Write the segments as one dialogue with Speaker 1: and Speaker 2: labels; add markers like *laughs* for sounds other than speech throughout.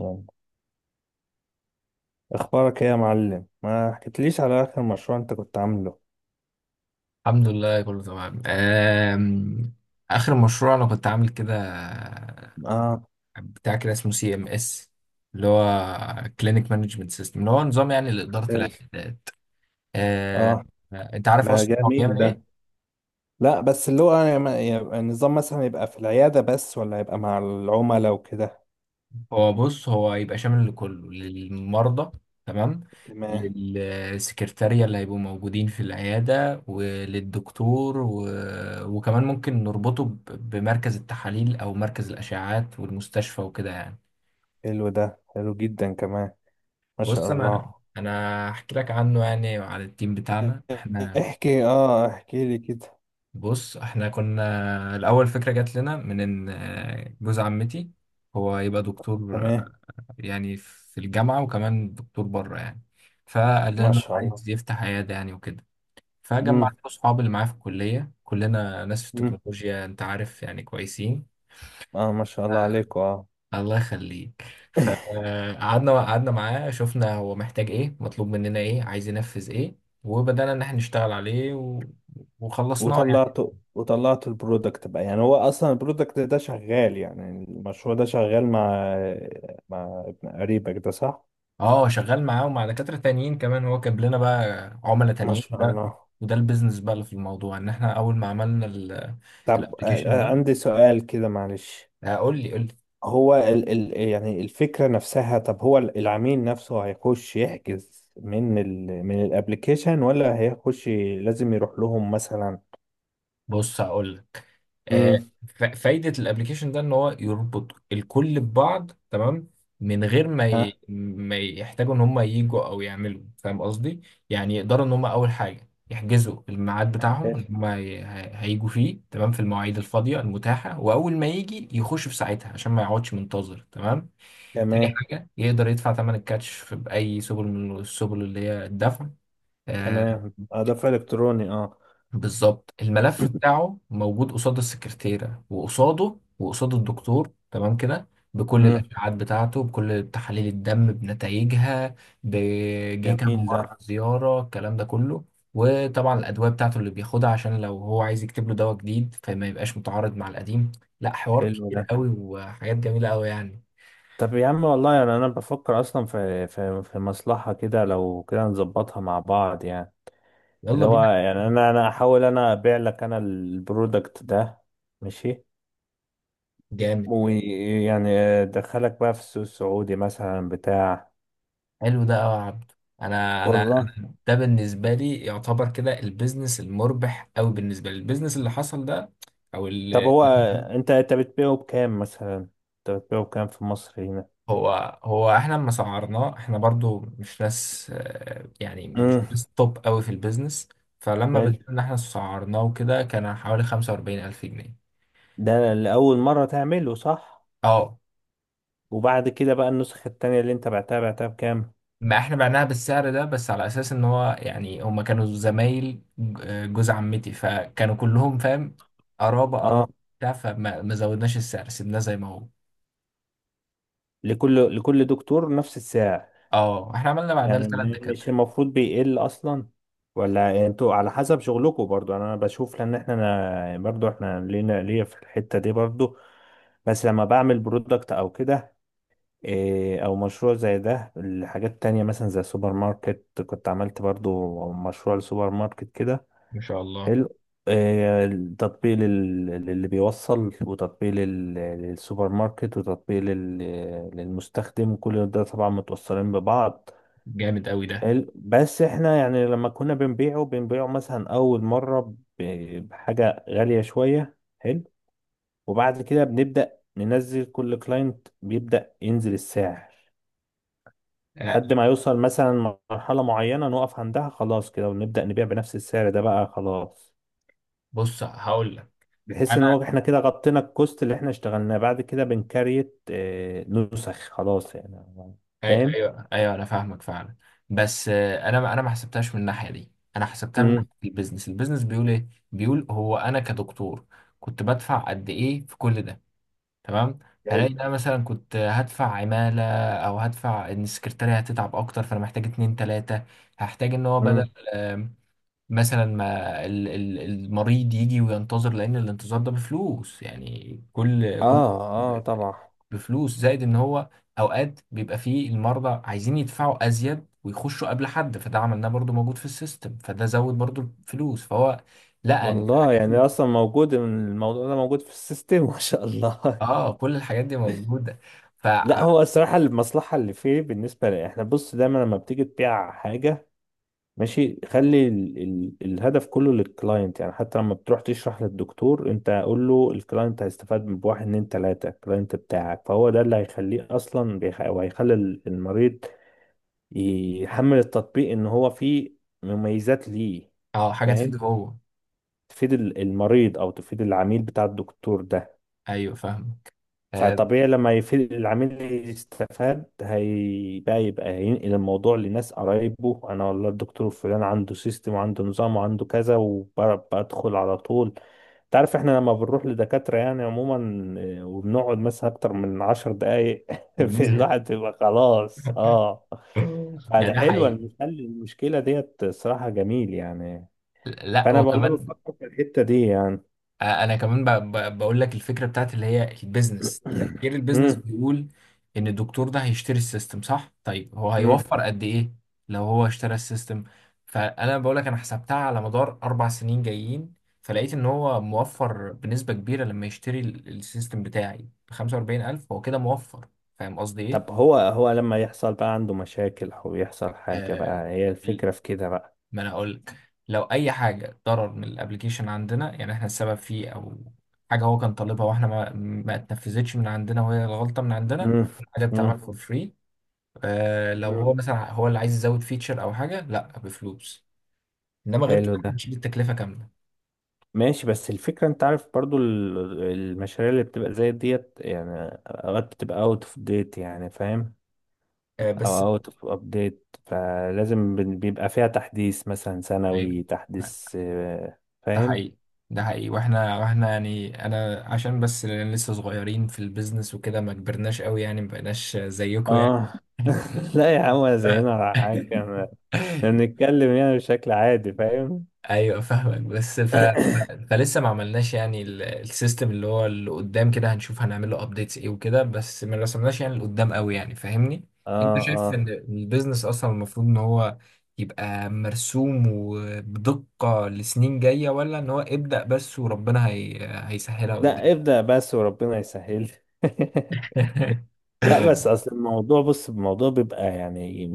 Speaker 1: يلا. اخبارك ايه يا معلم؟ ما حكيتليش على اخر مشروع انت كنت عامله.
Speaker 2: الحمد لله كله تمام. اخر مشروع انا كنت عامل كده
Speaker 1: اه،
Speaker 2: بتاع كده اسمه سي ام اس. اللي هو كلينيك مانجمنت سيستم، اللي هو نظام يعني لاداره
Speaker 1: حلو.
Speaker 2: العيادات.
Speaker 1: اه،
Speaker 2: آه، انت عارف
Speaker 1: ما
Speaker 2: اصلا هو
Speaker 1: جميل
Speaker 2: بيعمل ايه؟
Speaker 1: ده. لا بس اللي هو يعني يبقى النظام مثلا يبقى في العيادة بس، ولا يبقى مع العملاء وكده؟
Speaker 2: هو بص، هو يبقى شامل لكله، للمرضى، تمام.
Speaker 1: تمام.
Speaker 2: للسكرتارية اللي هيبقوا موجودين في العيادة وللدكتور وكمان ممكن نربطه بمركز التحاليل أو مركز الأشعاعات والمستشفى وكده يعني.
Speaker 1: حلو ده، حلو جدا كمان، ما شاء
Speaker 2: بص، انا
Speaker 1: الله.
Speaker 2: انا احكي لك عنه يعني وعلى التيم بتاعنا احنا.
Speaker 1: احكي، اه احكي لي كده.
Speaker 2: بص، احنا كنا الاول فكره جات لنا من ان جوز عمتي. هو يبقى دكتور،
Speaker 1: تمام،
Speaker 2: يعني في الجامعه وكمان دكتور بره يعني. فقال لنا
Speaker 1: ما
Speaker 2: انه
Speaker 1: شاء الله.
Speaker 2: عايز يفتح عياده يعني وكده. فجمعت
Speaker 1: امم.
Speaker 2: له اصحابي اللي معاه في الكليه، كلنا ناس في
Speaker 1: امم.
Speaker 2: التكنولوجيا، انت عارف يعني، كويسين.
Speaker 1: اه، ما شاء الله
Speaker 2: آه،
Speaker 1: عليكم، اه.
Speaker 2: الله يخليك. فقعدنا معاه، شفنا هو محتاج ايه، مطلوب مننا ايه، عايز ينفذ ايه. وبدأنا ان احنا نشتغل عليه وخلصناه يعني.
Speaker 1: وطلعته وطلعت البرودكت بقى، يعني هو اصلا البرودكت ده شغال، يعني المشروع ده شغال مع مع ابن قريبك ده، صح؟
Speaker 2: اه، شغال معاه ومع دكاترة تانيين كمان. هو جاب لنا بقى عملاء
Speaker 1: ما
Speaker 2: تانيين
Speaker 1: شاء
Speaker 2: ده.
Speaker 1: الله.
Speaker 2: وده البيزنس بقى اللي في الموضوع، ان احنا اول ما عملنا
Speaker 1: طب
Speaker 2: الابلكيشن ده.
Speaker 1: عندي سؤال كده، معلش.
Speaker 2: آه، قول لي قول لي.
Speaker 1: هو ال يعني الفكرة نفسها، طب هو العميل نفسه هيخش يحجز من ال من الابليكيشن، ولا هيخش لازم يروح لهم مثلا؟
Speaker 2: بص، هقول لك. آه،
Speaker 1: امم.
Speaker 2: فايدة الابليكيشن ده ان هو يربط الكل ببعض، تمام. من غير ما
Speaker 1: اه.
Speaker 2: ي... ما يحتاجوا ان هم ييجوا او يعملوا، فاهم قصدي؟ يعني يقدروا ان هم اول حاجة يحجزوا الميعاد بتاعهم
Speaker 1: حلو.
Speaker 2: اللي هم هيجوا فيه، تمام، في المواعيد الفاضية المتاحة. واول ما يجي يخش في ساعتها عشان ما يقعدش منتظر، تمام. تاني
Speaker 1: تمام.
Speaker 2: حاجة، يقدر يدفع ثمن الكاتش في بأي سبل من السبل اللي هي الدفع. آه،
Speaker 1: تمام. اه، ده في الكتروني، اه.
Speaker 2: بالظبط. الملف
Speaker 1: *clears throat*
Speaker 2: بتاعه موجود قصاد السكرتيرة وقصاده وقصاد الدكتور، تمام كده. بكل
Speaker 1: امم.
Speaker 2: الأشعاعات بتاعته، بكل تحاليل الدم بنتائجها. بجه كام
Speaker 1: جميل ده.
Speaker 2: مرة زيارة، الكلام ده كله. وطبعا الأدوية بتاعته اللي بياخدها، عشان لو هو عايز يكتب له دواء جديد فما يبقاش متعارض مع القديم. لا، حوار
Speaker 1: حلو
Speaker 2: كتير
Speaker 1: ده.
Speaker 2: قوي وحاجات جميلة قوي يعني.
Speaker 1: طب يا عم، والله يعني انا بفكر اصلا في مصلحه كده، لو كده نظبطها مع بعض يعني. اللي
Speaker 2: يلا
Speaker 1: هو
Speaker 2: بينا.
Speaker 1: يعني انا احاول انا ابيع لك انا البرودكت ده، ماشي.
Speaker 2: جامد.
Speaker 1: ويعني ادخلك بقى في السوق السعودي مثلا بتاع.
Speaker 2: حلو ده قوي يا عبد. انا انا
Speaker 1: والله.
Speaker 2: انا ده بالنسبه لي يعتبر كده البيزنس المربح قوي بالنسبه لي، البيزنس اللي حصل ده. او
Speaker 1: طب
Speaker 2: اللي
Speaker 1: هو انت
Speaker 2: *laughs*
Speaker 1: انت بتبيعه بكام مثلا؟ انت بتبيعه بكام في مصر هنا؟
Speaker 2: هو احنا لما سعرناه، احنا برضو مش ناس، يعني مش
Speaker 1: امم.
Speaker 2: ناس توب قوي في البيزنس. فلما
Speaker 1: حلو.
Speaker 2: بدأنا احنا سعرناه وكده، كان حوالي 45 ألف جنيه.
Speaker 1: ده لأول مرة تعمله، صح؟
Speaker 2: اه،
Speaker 1: وبعد كده بقى النسخة التانية اللي انت بعتها، بعتها بكام؟
Speaker 2: ما احنا بعناها بالسعر ده بس على اساس ان هو يعني هما كانوا زمايل، جوز عمتي فكانوا كلهم فاهم. قرابة قرابة.
Speaker 1: اه.
Speaker 2: بتاع، فما ما زودناش السعر، سيبناه زي ما هو.
Speaker 1: لكل دكتور نفس السعر؟
Speaker 2: اه، احنا عملنا بعدها
Speaker 1: يعني
Speaker 2: لثلاث دكاترة.
Speaker 1: مش المفروض بيقل اصلا؟ ولا انتوا على حسب شغلكم برضو؟ يعني انا بشوف، لان احنا أنا برضو احنا لينا ليا في الحتة دي برضو. بس لما بعمل برودكت او كده، او مشروع زي ده، الحاجات التانية مثلا زي سوبر ماركت، كنت عملت برضو مشروع لسوبر ماركت كده.
Speaker 2: ما شاء الله.
Speaker 1: حلو. التطبيق للي بيوصل، وتطبيق للسوبر ماركت، وتطبيق للمستخدم، كل ده طبعا متوصلين ببعض.
Speaker 2: جامد قوي ده.
Speaker 1: حلو، بس احنا يعني لما كنا بنبيعه مثلا اول مرة بحاجة غالية شوية. حلو. وبعد كده بنبدأ ننزل، كل كلاينت بيبدأ ينزل السعر
Speaker 2: آه،
Speaker 1: لحد ما يوصل مثلا مرحلة معينة نقف عندها، خلاص كده، ونبدأ نبيع بنفس السعر ده بقى خلاص.
Speaker 2: بص هقول لك.
Speaker 1: بحيث ان
Speaker 2: انا
Speaker 1: هو احنا كده غطينا الكوست اللي احنا اشتغلناه، بعد كده بنكريت نسخ خلاص يعني.
Speaker 2: أي-
Speaker 1: فاهم؟
Speaker 2: ايوه ايوه، انا فاهمك فعلا. بس انا ما حسبتهاش من الناحية دي. انا حسبتها من ناحية
Speaker 1: امم.
Speaker 2: البيزنس. البيزنس بيقول ايه؟ بيقول هو انا كدكتور كنت بدفع قد ايه في كل ده، تمام. هلاقي إن
Speaker 1: حلو.
Speaker 2: انا مثلا كنت هدفع عمالة، او هدفع ان السكرتارية هتتعب اكتر فانا محتاج اتنين تلاتة. هحتاج ان هو بدل،
Speaker 1: امم.
Speaker 2: مثلا ما المريض يجي وينتظر، لان الانتظار ده بفلوس يعني. كل
Speaker 1: اه.
Speaker 2: كل.
Speaker 1: اه، طبعا.
Speaker 2: بفلوس، زائد ان هو اوقات بيبقى فيه المرضى عايزين يدفعوا ازيد ويخشوا قبل حد، فده عملناه برضو موجود في السيستم، فده زود برضو الفلوس، فهو. لا، إن
Speaker 1: والله
Speaker 2: الحاجات
Speaker 1: يعني اصلا موجود، الموضوع ده موجود في السيستم *laughs* ما شاء الله *laughs*
Speaker 2: كل الحاجات دي موجودة. ف،
Speaker 1: لا هو الصراحه المصلحه اللي فيه بالنسبه لي، احنا بص دايما لما بتيجي تبيع حاجه، ماشي، خلي ال الهدف كله للكلاينت، يعني حتى لما بتروح تشرح للدكتور، انت قول له الكلاينت هيستفاد من بواحد اتنين تلاته، الكلاينت بتاعك، فهو ده اللي هيخليه اصلا وهيخلي المريض يحمل التطبيق، ان هو فيه مميزات ليه.
Speaker 2: اه، حاجة تفيد
Speaker 1: فاهم؟
Speaker 2: هو.
Speaker 1: تفيد المريض، او تفيد العميل بتاع الدكتور ده.
Speaker 2: ايوه، فاهمك. آه،
Speaker 1: فطبيعي لما يفيد العميل يستفاد، هيبقى يبقى هينقل الموضوع لناس قرايبه، انا والله الدكتور فلان عنده سيستم وعنده نظام وعنده كذا، وبدخل على طول. انت عارف احنا لما بنروح لدكاترة يعني عموما، وبنقعد مثلا اكتر من 10 دقايق *laughs* في
Speaker 2: بالنسبه
Speaker 1: الواحد بيبقى خلاص اه.
Speaker 2: *laughs* يعني ده
Speaker 1: فحلوة
Speaker 2: حقيقي.
Speaker 1: إن نحل المشكلة ديت، صراحة جميل يعني.
Speaker 2: لا،
Speaker 1: فانا بقول له
Speaker 2: وكمان.
Speaker 1: فكر في الحتة دي يعني.
Speaker 2: انا كمان بقول لك الفكره بتاعت اللي هي البيزنس، تفكير البيزنس
Speaker 1: *clears throat*
Speaker 2: بيقول ان الدكتور ده هيشتري السيستم، صح؟ طيب هو
Speaker 1: مم.
Speaker 2: هيوفر قد ايه لو هو اشترى السيستم؟ فانا بقول لك انا حسبتها على مدار 4 سنين جايين. فلقيت ان هو موفر بنسبه كبيره لما يشتري السيستم بتاعي ب 45,000، هو كده موفر. فاهم قصدي
Speaker 1: طب
Speaker 2: ايه؟
Speaker 1: هو هو لما يحصل بقى عنده مشاكل او يحصل حاجة،
Speaker 2: آه،
Speaker 1: بقى هي الفكرة في كده بقى.
Speaker 2: ما انا اقول لك. لو اي حاجه ضرر من الابليكيشن عندنا يعني احنا السبب فيه، او حاجه هو كان طالبها واحنا ما اتنفذتش من عندنا وهي الغلطه من عندنا،
Speaker 1: مم.
Speaker 2: الحاجه بتتعمل
Speaker 1: مم.
Speaker 2: فور فري. آه، لو هو
Speaker 1: مم.
Speaker 2: مثلا هو اللي عايز يزود فيتشر او حاجه، لا، بفلوس. انما غير كده
Speaker 1: حلو
Speaker 2: احنا
Speaker 1: ده.
Speaker 2: بنشيل التكلفه كامله.
Speaker 1: ماشي، بس الفكرة انت عارف برضو المشاريع اللي بتبقى زي ديت يعني، اوقات بتبقى اوت اوف ديت، يعني فاهم؟
Speaker 2: آه.
Speaker 1: او
Speaker 2: بس.
Speaker 1: اوت اوف ابديت، فلازم بيبقى فيها تحديث مثلا
Speaker 2: أيوة.
Speaker 1: سنوي، تحديث
Speaker 2: ده
Speaker 1: فاهم.
Speaker 2: حقيقي. ده حقيقي. واحنا يعني، انا عشان بس لسه صغيرين في البيزنس وكده، ما كبرناش قوي يعني، ما بقيناش زيكم يعني.
Speaker 1: اه *laughs* لا يا عم، ولا زينا
Speaker 2: ف-
Speaker 1: ولا حاجة احنا،
Speaker 2: *laughs*
Speaker 1: بنتكلم يعني بشكل عادي، فاهم.
Speaker 2: ايوه، فاهمك. بس
Speaker 1: *coughs*
Speaker 2: فلسه ما عملناش يعني السيستم اللي هو اللي قدام كده، هنشوف هنعمل له ابديتس ايه وكده. بس ما رسمناش يعني اللي قدام قوي، يعني فاهمني؟ انت
Speaker 1: اه.
Speaker 2: شايف ان
Speaker 1: اه.
Speaker 2: البيزنس اصلا المفروض ان هو يبقى مرسوم وبدقة لسنين جاية، ولا ان هو ابدأ بس وربنا هيسهلها قدام؟
Speaker 1: لا ابدأ بس وربنا يسهل *laughs* لا
Speaker 2: *laughs*
Speaker 1: بس اصل الموضوع، بص الموضوع بيبقى يعني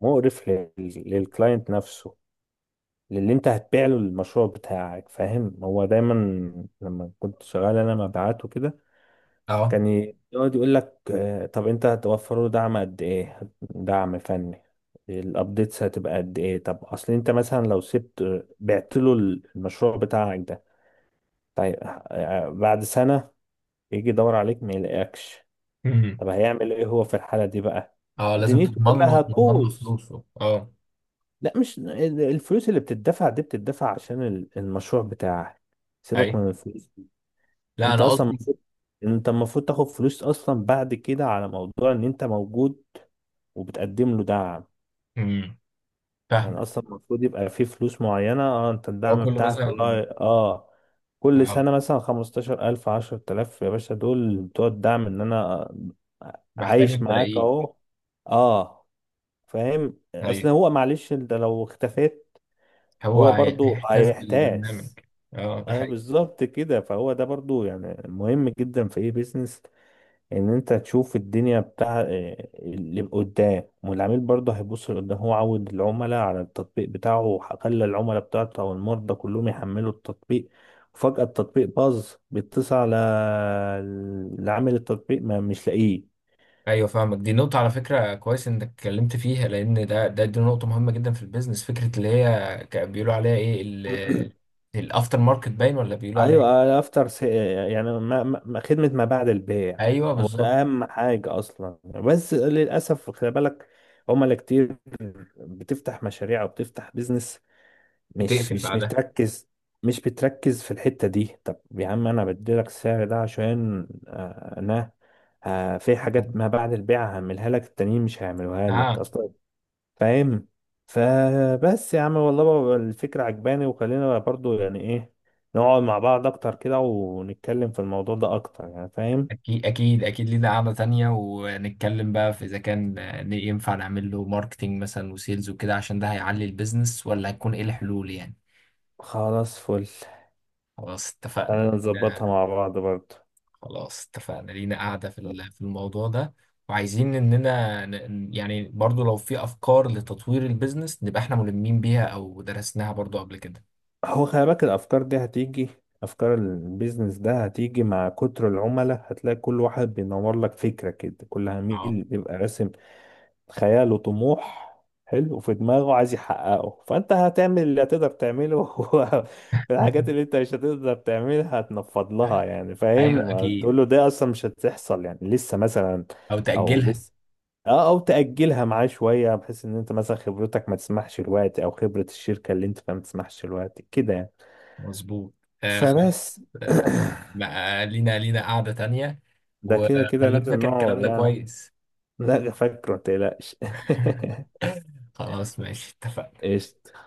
Speaker 1: مقرف للكلاينت نفسه، للي انت هتبيع له المشروع بتاعك، فاهم؟ هو دايما لما كنت شغال انا مبيعات وكده،
Speaker 2: اه.
Speaker 1: كان يقعد يقول لك طب انت هتوفر له دعم قد ايه؟ دعم فني؟ الابديتس هتبقى قد ايه؟ طب اصل انت مثلا لو سبت بعت له المشروع بتاعك ده، طيب بعد سنة يجي يدور عليك ما يلاقيكش،
Speaker 2: أمم.
Speaker 1: طب هيعمل ايه هو في الحالة دي بقى؟
Speaker 2: اه، لازم
Speaker 1: دنيته
Speaker 2: تضمن له
Speaker 1: كلها
Speaker 2: تضمن له
Speaker 1: هتبوظ.
Speaker 2: فلوسه، اه.
Speaker 1: لا مش الفلوس اللي بتدفع دي بتدفع عشان المشروع بتاعك، سيبك
Speaker 2: اي،
Speaker 1: من الفلوس دي.
Speaker 2: لا،
Speaker 1: انت
Speaker 2: انا
Speaker 1: اصلا
Speaker 2: قصدي.
Speaker 1: المفروض، انت المفروض تاخد فلوس اصلا بعد كده على موضوع ان انت موجود، وبتقدم له دعم.
Speaker 2: أمم.
Speaker 1: يعني
Speaker 2: فاهمك.
Speaker 1: اصلا المفروض يبقى في فلوس معينة، اه، انت
Speaker 2: لو
Speaker 1: الدعم
Speaker 2: كله
Speaker 1: بتاعك
Speaker 2: مثلا.
Speaker 1: والله، اه، كل
Speaker 2: آه.
Speaker 1: سنة مثلا 15 ألف، 10 آلاف يا باشا، دول بتوع الدعم، إن أنا
Speaker 2: بحتاجك
Speaker 1: عايش معاك
Speaker 2: بلاقيك.
Speaker 1: أهو، اه، فاهم؟ اصل
Speaker 2: ايوه،
Speaker 1: هو معلش انت لو اختفيت،
Speaker 2: هو
Speaker 1: هو برضو
Speaker 2: هيحتاج بالبرنامج.
Speaker 1: هيحتاس.
Speaker 2: اه، ده
Speaker 1: ايوه
Speaker 2: حقيقي.
Speaker 1: بالظبط كده. فهو ده برضو يعني مهم جدا في اي بيزنس، ان انت تشوف الدنيا بتاع إيه اللي قدام، والعميل برضو هيبص لقدام، هو عود العملاء على التطبيق بتاعه، وخلى العملاء بتاعته او المرضى كلهم يحملوا التطبيق، وفجأة التطبيق باظ، بيتصل على عامل التطبيق ما مش لاقيه.
Speaker 2: ايوه، فاهمك. دي نقطة على فكرة، كويس انك اتكلمت فيها، لان ده ده دي نقطة مهمة جدا في البيزنس، فكرة اللي هي بيقولوا عليها ايه،
Speaker 1: *clears throat*
Speaker 2: الافتر ماركت باين، ولا بيقولوا عليها ايه؟
Speaker 1: ايوه افتر. يعني خدمه ما بعد البيع.
Speaker 2: ايوه،
Speaker 1: هو ده
Speaker 2: بالظبط.
Speaker 1: اهم حاجه اصلا، بس للاسف خلي بالك، هما اللي كتير بتفتح مشاريع وبتفتح بيزنس، مش
Speaker 2: وتقفل
Speaker 1: مش
Speaker 2: بعدها.
Speaker 1: بتركز، مش بتركز في الحته دي. طب يا عم انا بديلك السعر ده عشان انا في حاجات ما بعد البيع هعملها لك، التانيين مش هيعملوها لك
Speaker 2: اه،
Speaker 1: اصلا، فاهم؟ فبس يا عم والله بقى الفكرة عجباني، وخلينا بقى برضو يعني ايه، نقعد مع بعض اكتر كده ونتكلم في الموضوع ده اكتر، يعني فاهم.
Speaker 2: اكيد اكيد اكيد. لينا قعدة تانية ونتكلم بقى في اذا كان ينفع نعمل له ماركتينج مثلا وسيلز وكده، عشان ده هيعلي البيزنس، ولا هيكون ايه الحلول يعني.
Speaker 1: خلاص فل.
Speaker 2: خلاص، اتفقنا.
Speaker 1: تعالى نظبطها مع بعض برضو.
Speaker 2: خلاص، اتفقنا. لينا قاعدة في في الموضوع ده. وعايزين إننا يعني برضو لو في أفكار لتطوير البيزنس، نبقى إحنا ملمين بيها أو درسناها برضو قبل كده.
Speaker 1: هو خلي بالك الافكار دي هتيجي، افكار البيزنس ده هتيجي مع كتر العملاء، هتلاقي كل واحد بينور لك فكرة كده، كل
Speaker 2: اه.
Speaker 1: عميل بيبقى راسم خياله طموح حلو، وفي دماغه عايز يحققه، فانت هتعمل اللي هتقدر تعمله *laughs*
Speaker 2: *laughs*
Speaker 1: والحاجات اللي انت مش هتقدر تعملها هتنفض لها، يعني
Speaker 2: أيوة
Speaker 1: فاهم،
Speaker 2: أكيد.
Speaker 1: تقول له ده اصلا مش هتحصل يعني لسه مثلا،
Speaker 2: أو
Speaker 1: او
Speaker 2: تأجلها.
Speaker 1: لسه، اه، او تأجلها معاه شوية، بحيث ان انت مثلا خبرتك ما تسمحش الوقت، او خبرة الشركة اللي انت فيها ما تسمحش الوقت كده يعني.
Speaker 2: مظبوط. آه، خلاص.
Speaker 1: فبس.
Speaker 2: آه. لينا قاعدة تانية.
Speaker 1: *clears throat* ده كده كده
Speaker 2: وخليك
Speaker 1: لازم
Speaker 2: فاكر
Speaker 1: نقعد
Speaker 2: الكلام ده
Speaker 1: يعني.
Speaker 2: كويس.
Speaker 1: لا فاكره متقلقش
Speaker 2: *laughs* خلاص، ماشي،
Speaker 1: *laughs*
Speaker 2: اتفقنا.
Speaker 1: قشطة.